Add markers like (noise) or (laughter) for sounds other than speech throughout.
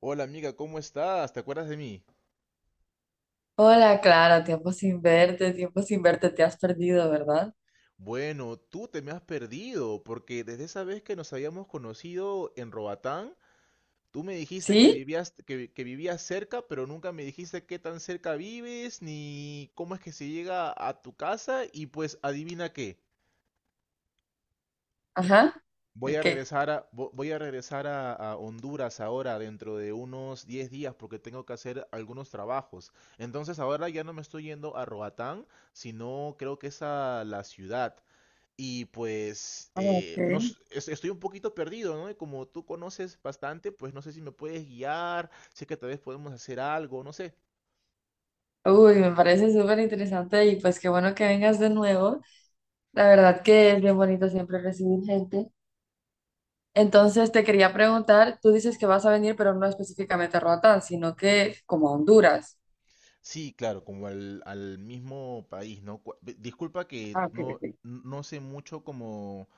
Hola amiga, ¿cómo estás? ¿Te acuerdas de mí? Hola, Clara, tiempo sin verte, te has perdido, ¿verdad? Bueno, tú te me has perdido, porque desde esa vez que nos habíamos conocido en Robatán, tú me dijiste que ¿Sí? vivías, que vivías cerca, pero nunca me dijiste qué tan cerca vives, ni cómo es que se llega a tu casa, y pues adivina qué, Ajá. voy a Ok. Voy a regresar a Honduras ahora dentro de unos 10 días, porque tengo que hacer algunos trabajos. Entonces ahora ya no me estoy yendo a Roatán, sino creo que es a la ciudad. Y pues Ah, ok. No s- es- estoy un poquito perdido, ¿no? Y como tú conoces bastante, pues no sé si me puedes guiar, sé que tal vez podemos hacer algo, no sé. Uy, me parece súper interesante y pues qué bueno que vengas de nuevo. La verdad que es bien bonito siempre recibir gente. Entonces te quería preguntar, tú dices que vas a venir, pero no específicamente a Roatán, sino que como a Honduras. Sí, claro, como al mismo país, ¿no? Disculpa que Ah, ok, ok. no sé mucho como,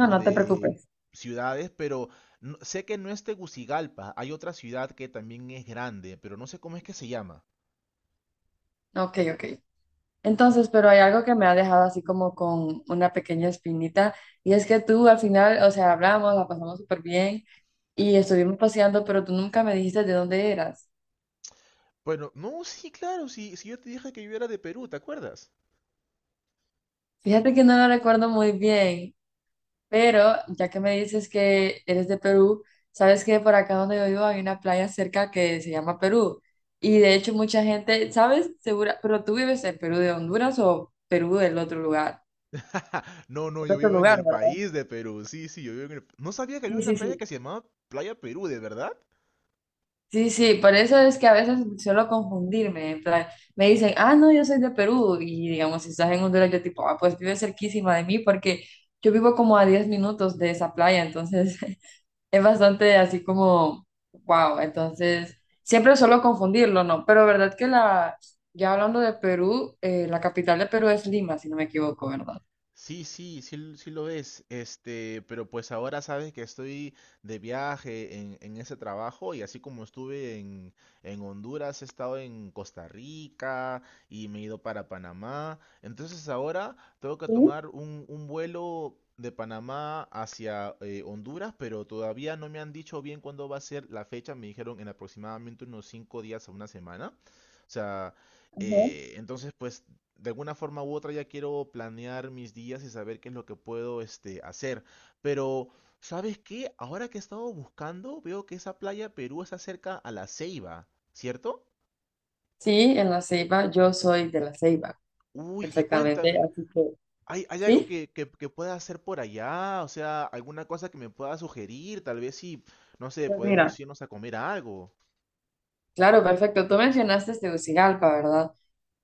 No, no te de preocupes. ciudades, pero sé que no es Tegucigalpa, hay otra ciudad que también es grande, pero no sé cómo es que se llama. Ok, ok. Entonces, pero hay algo que me ha dejado así como con una pequeña espinita, y es que tú al final, o sea, hablamos, la pasamos súper bien y estuvimos paseando, pero tú nunca me dijiste de dónde eras. Bueno, no, sí, claro, sí, sí, yo te dije que yo era de Perú, ¿te acuerdas? Fíjate que no lo recuerdo muy bien, pero ya que me dices que eres de Perú, sabes que por acá donde yo vivo hay una playa cerca que se llama Perú, y de hecho mucha gente, ¿sabes? Segura, pero tú vives en Perú de Honduras o Perú (laughs) No, no, del yo otro vivo en lugar, el ¿verdad? país de Perú. Sí, sí, yo vivo en el... No sabía que había Sí, una sí, sí. playa que se llamaba Playa Perú, ¿de verdad? Sí, sí, por eso es que a veces suelo confundirme, en plan, me dicen, ah, no, yo soy de Perú, y digamos, si estás en Honduras, yo tipo, ah, pues vive cerquísima de mí, porque yo vivo como a 10 minutos de esa playa, entonces (laughs) es bastante así como, wow, entonces siempre suelo confundirlo, ¿no? Pero verdad que ya hablando de Perú, la capital de Perú es Lima, si no me equivoco, ¿verdad? Sí, sí, sí, sí lo es. Este, pero pues ahora sabes que estoy de viaje en ese trabajo y así como estuve en Honduras, he estado en Costa Rica y me he ido para Panamá. Entonces ahora tengo que Sí, tomar un vuelo de Panamá hacia Honduras, pero todavía no me han dicho bien cuándo va a ser la fecha. Me dijeron en aproximadamente unos 5 días a una semana. O sea, ajá. Entonces pues de alguna forma u otra ya quiero planear mis días y saber qué es lo que puedo este, hacer. Pero, ¿sabes qué? Ahora que he estado buscando, veo que esa playa Perú está cerca a la Ceiba, ¿cierto? Sí, en La Ceiba, yo soy de La Ceiba, Uy, y perfectamente, cuéntame, así que, ¿hay, ¿sí? Que pueda hacer por allá? O sea, alguna cosa que me pueda sugerir, tal vez si, no sé, Pues podemos mira. irnos a comer algo. Claro, perfecto. Tú mencionaste Tegucigalpa, ¿verdad?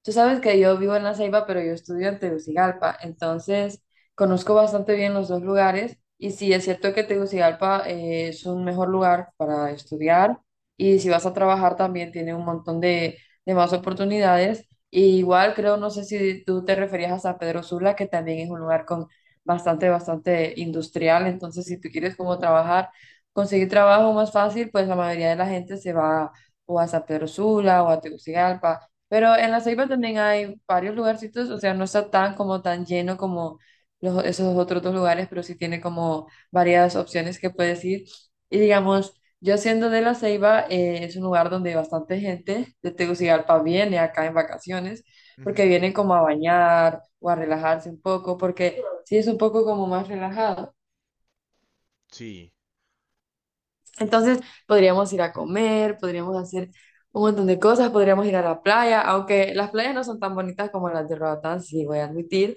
Tú sabes que yo vivo en La Ceiba, pero yo estudio en Tegucigalpa, entonces conozco bastante bien los dos lugares y sí, es cierto que Tegucigalpa es un mejor lugar para estudiar y si vas a trabajar también tiene un montón de más oportunidades. Y igual creo, no sé si tú te referías a San Pedro Sula, que también es un lugar con bastante, bastante industrial, entonces si tú quieres como trabajar, conseguir trabajo más fácil, pues la mayoría de la gente se va o a San Pedro Sula o a Tegucigalpa, pero en La Ceiba también hay varios lugarcitos, o sea, no está tan como tan lleno como los, esos otros dos lugares, pero sí tiene como varias opciones que puedes ir. Y digamos, yo siendo de La Ceiba, es un lugar donde bastante gente de Tegucigalpa viene acá en vacaciones, porque Ujú. vienen como a bañar o a relajarse un poco, porque sí es un poco como más relajado. Sí. Entonces podríamos ir a comer, podríamos hacer un montón de cosas, podríamos ir a la playa, aunque las playas no son tan bonitas como las de Roatán, sí voy a admitir,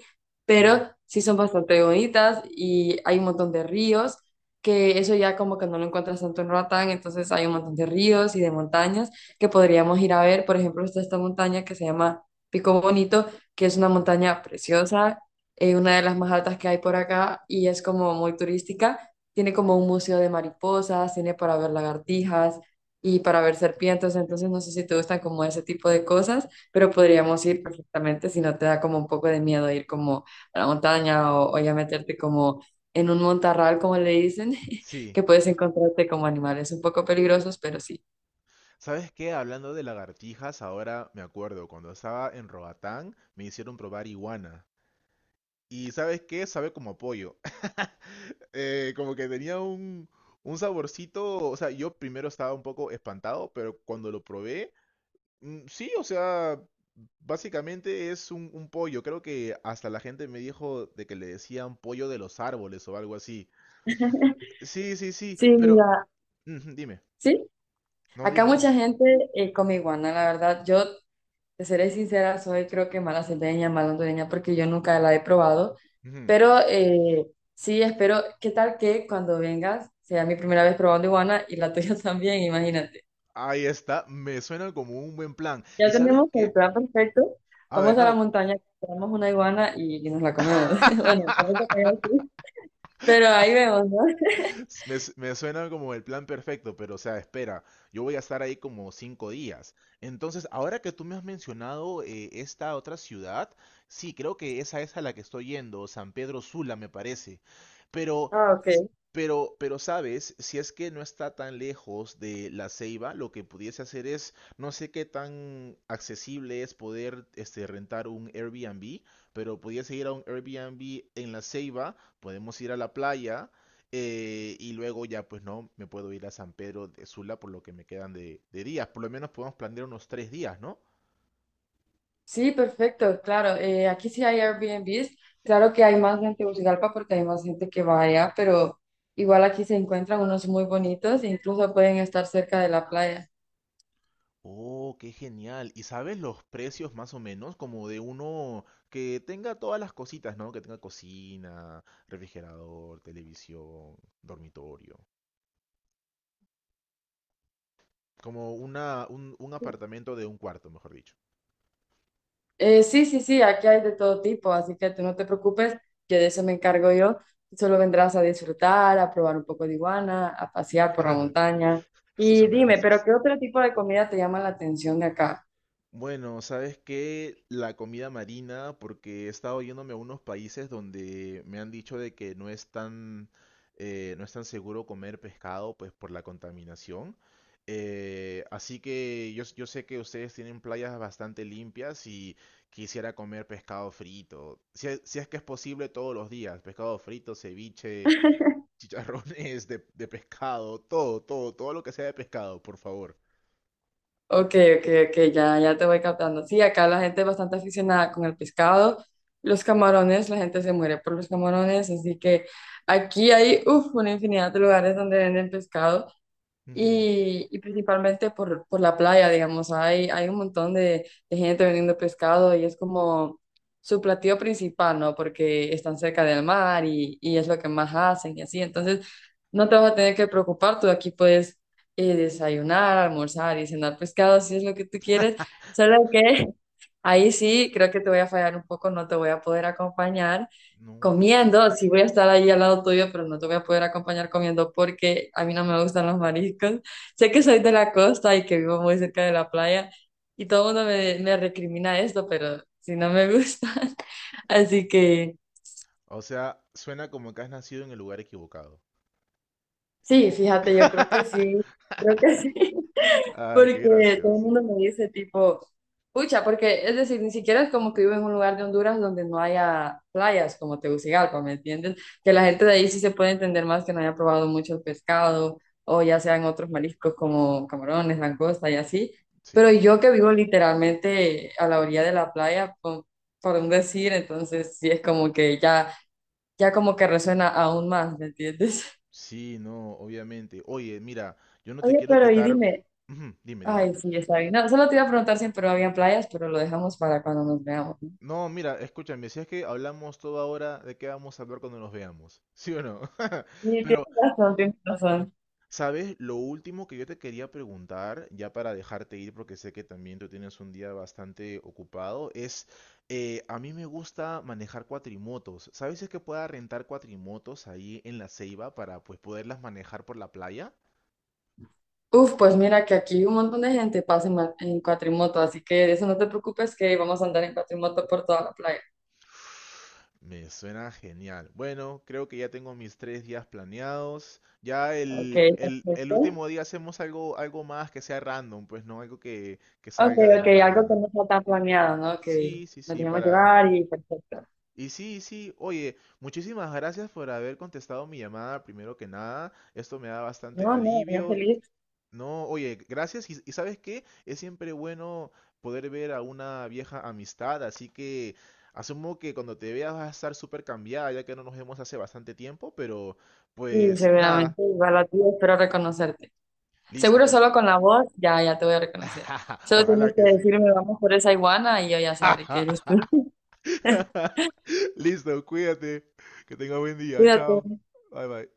Ujú. pero sí son bastante bonitas y hay un montón de ríos, que eso ya como que no lo encuentras tanto en Roatán, entonces hay un montón de ríos y de montañas que podríamos ir a ver. Por ejemplo, está esta montaña que se llama Pico Bonito, que es una Ujú. montaña preciosa, una de las más altas que hay por acá y es como muy turística, tiene como un museo de mariposas, tiene para ver lagartijas y para ver serpientes, entonces no sé si te gustan como ese tipo de cosas, pero podríamos ir perfectamente si no te da como un poco de miedo ir como a la montaña o ya meterte como en un montarral, como le dicen, (laughs) Sí. que puedes encontrarte como animales un poco peligrosos, pero sí. ¿Sabes qué? Hablando de lagartijas, ahora me acuerdo, cuando estaba en Roatán me hicieron probar iguana. Y ¿sabes qué? Sabe como a pollo. (laughs) Como que tenía un saborcito, o sea, yo primero estaba un poco espantado, pero cuando lo probé, mm, sí, o sea, básicamente es un pollo. Creo que hasta la gente me dijo de que le decían pollo de los árboles o algo así. Sí, sí, sí, Sí, pero... mira, Ujú, dime, sí. no, Acá dime, dime. mucha gente come iguana, la verdad. Yo Te seré sincera, soy creo que mala salteña, porque yo nunca la he probado. Ujú. Pero sí, espero, ¿qué tal que cuando vengas sea mi primera vez probando iguana y la tuya (laughs) también? Imagínate. Ahí está, me suena como un buen plan. ¿Y Ya sabes tenemos el qué? plan perfecto. A ver, Vamos a la no. montaña, compramos una iguana y nos la comemos. (laughs) Bueno, tampoco te (laughs) voy a decir, pero ahí vemos, ¿no? (laughs) (laughs) Me suena como el plan perfecto, pero o sea, espera, yo voy a estar ahí como 5 días. Entonces, ahora que tú me has mencionado esta otra ciudad, sí, creo que esa es a la que estoy yendo, San Pedro Sula, me parece. Pero, Ah, ok. s- pero, ¿sabes? Si es que no está tan lejos de La Ceiba, lo que pudiese hacer es, no sé qué tan accesible es poder este, rentar un Airbnb, pero pudiese ir a un Airbnb en La Ceiba, podemos ir a la playa y luego ya pues no, me puedo ir a San Pedro de Sula por lo que me quedan de días. Por lo menos podemos planear unos 3 días, ¿no? Sí, perfecto, claro. Aquí sí hay Airbnbs. Claro que hay más en Tegucigalpa porque hay más gente que va allá, pero igual aquí se encuentran unos muy bonitos e incluso pueden estar cerca de la playa. Oh, qué genial. ¿Y sabes los precios más o menos? Como de uno que tenga todas las cositas, ¿no? Que tenga cocina, refrigerador, televisión, dormitorio. Como un apartamento de un cuarto, mejor dicho. Sí, sí, sí, aquí hay de todo tipo, así que tú no te preocupes, que de eso me encargo yo. Tú solo vendrás a disfrutar, a probar un poco de iguana, a pasear por la (laughs) montaña. Eso Y suena dime, ¿pero gracioso. qué otro tipo de comida te llama la atención de acá? Bueno, ¿sabes qué? La comida marina, porque he estado yéndome a unos países donde me han dicho de que no es tan, no es tan seguro comer pescado, pues por la contaminación. Así que yo sé que ustedes tienen playas bastante limpias y quisiera comer pescado frito. Si es que es posible todos los días, pescado frito, ceviche, (laughs) chicharrones de pescado, todo, todo, todo lo que sea de pescado, por favor. Ok, ok, ok, ya, ya te voy captando. Sí, acá la gente es bastante aficionada con el pescado, los camarones, la gente se muere por los camarones, así que aquí hay uf, una infinidad de lugares donde venden pescado. Ujú. Y principalmente por la playa, digamos, hay un montón de gente vendiendo pescado y es como su platillo principal, ¿no? Porque están cerca del mar y es lo que más hacen y así. Entonces, no te vas a tener que preocupar, tú aquí puedes desayunar, almorzar y cenar pescado si es lo que tú quieres, (laughs) solo que ahí sí, creo que te voy a fallar un poco, no te voy a poder acompañar No. comiendo, sí voy a estar ahí al lado tuyo, pero no te voy a poder acompañar comiendo porque a mí no me gustan los mariscos. Sé que soy de la costa y que vivo muy cerca de la playa y todo el mundo me recrimina esto, pero si no me gustan. (laughs) Así que O sea, suena como que has nacido en el lugar equivocado. sí, fíjate, yo creo que sí, creo que sí. (laughs) Ay, qué Porque todo el gracioso. mundo me dice tipo, pucha, porque es decir, ni siquiera es como que vivo en un lugar de Honduras donde no haya playas como Tegucigalpa, ¿me entienden? Que la Ujú. gente de ahí sí se puede entender más que no haya probado mucho el pescado o ya sean otros mariscos como camarones, langosta y así. Sí, Pero yo que vivo literalmente a la orilla de la playa, por un decir, entonces sí es como que ya, ya como que resuena aún más, ¿me entiendes? sí, no, obviamente. Oye, mira, yo no te Oye, quiero pero y quitar. dime, Ujú. Dime, dime. ay, sí, está bien. No, solo te iba a preguntar si en Perú había playas, pero lo dejamos para cuando nos veamos. No, mira, escúchame, si es que hablamos toda hora, ¿de qué vamos a hablar cuando nos veamos? ¿Sí o no? (laughs) Y tienes Pero razón, tienes razón. ¿sabes? Lo último que yo te quería preguntar, ya para dejarte ir, porque sé que también tú tienes un día bastante ocupado, es, a mí me gusta manejar cuatrimotos. ¿Sabes si es que pueda rentar cuatrimotos ahí en la Ceiba para pues poderlas manejar por la playa? Uf, pues mira que aquí un montón de gente pasa en cuatrimoto, así que de eso no te preocupes que vamos a andar en cuatrimoto por toda la playa. Me suena genial. Bueno, creo que ya tengo mis 3 días planeados. Ya Ok, el perfecto. último día hacemos algo, algo más que sea random, pues no algo que Ok, salga de ok, la algo que nada. no está tan planeado, ¿no? Que Sí, sí, nos sí, dejemos para... llevar y perfecto. Y sí, oye, muchísimas gracias por haber contestado mi llamada primero que nada. Esto me da bastante No, no, ya alivio. Y… feliz. No, oye, gracias. Y ¿sabes qué? Es siempre bueno poder ver a una vieja amistad, así que asumo que cuando te veas vas a estar súper cambiada, ya que no nos vemos hace bastante tiempo, pero Sí, pues nada, seguramente, igual a ti, espero reconocerte. Seguro listo. solo con la voz, ya, ya te voy a reconocer. (laughs) Solo Ojalá tienes que que sí. decirme, vamos por esa iguana y yo ya sabré que eres tú. (laughs) (laughs) Listo, cuídate. Que tenga buen día. Cuídate. Chao. Bye bye.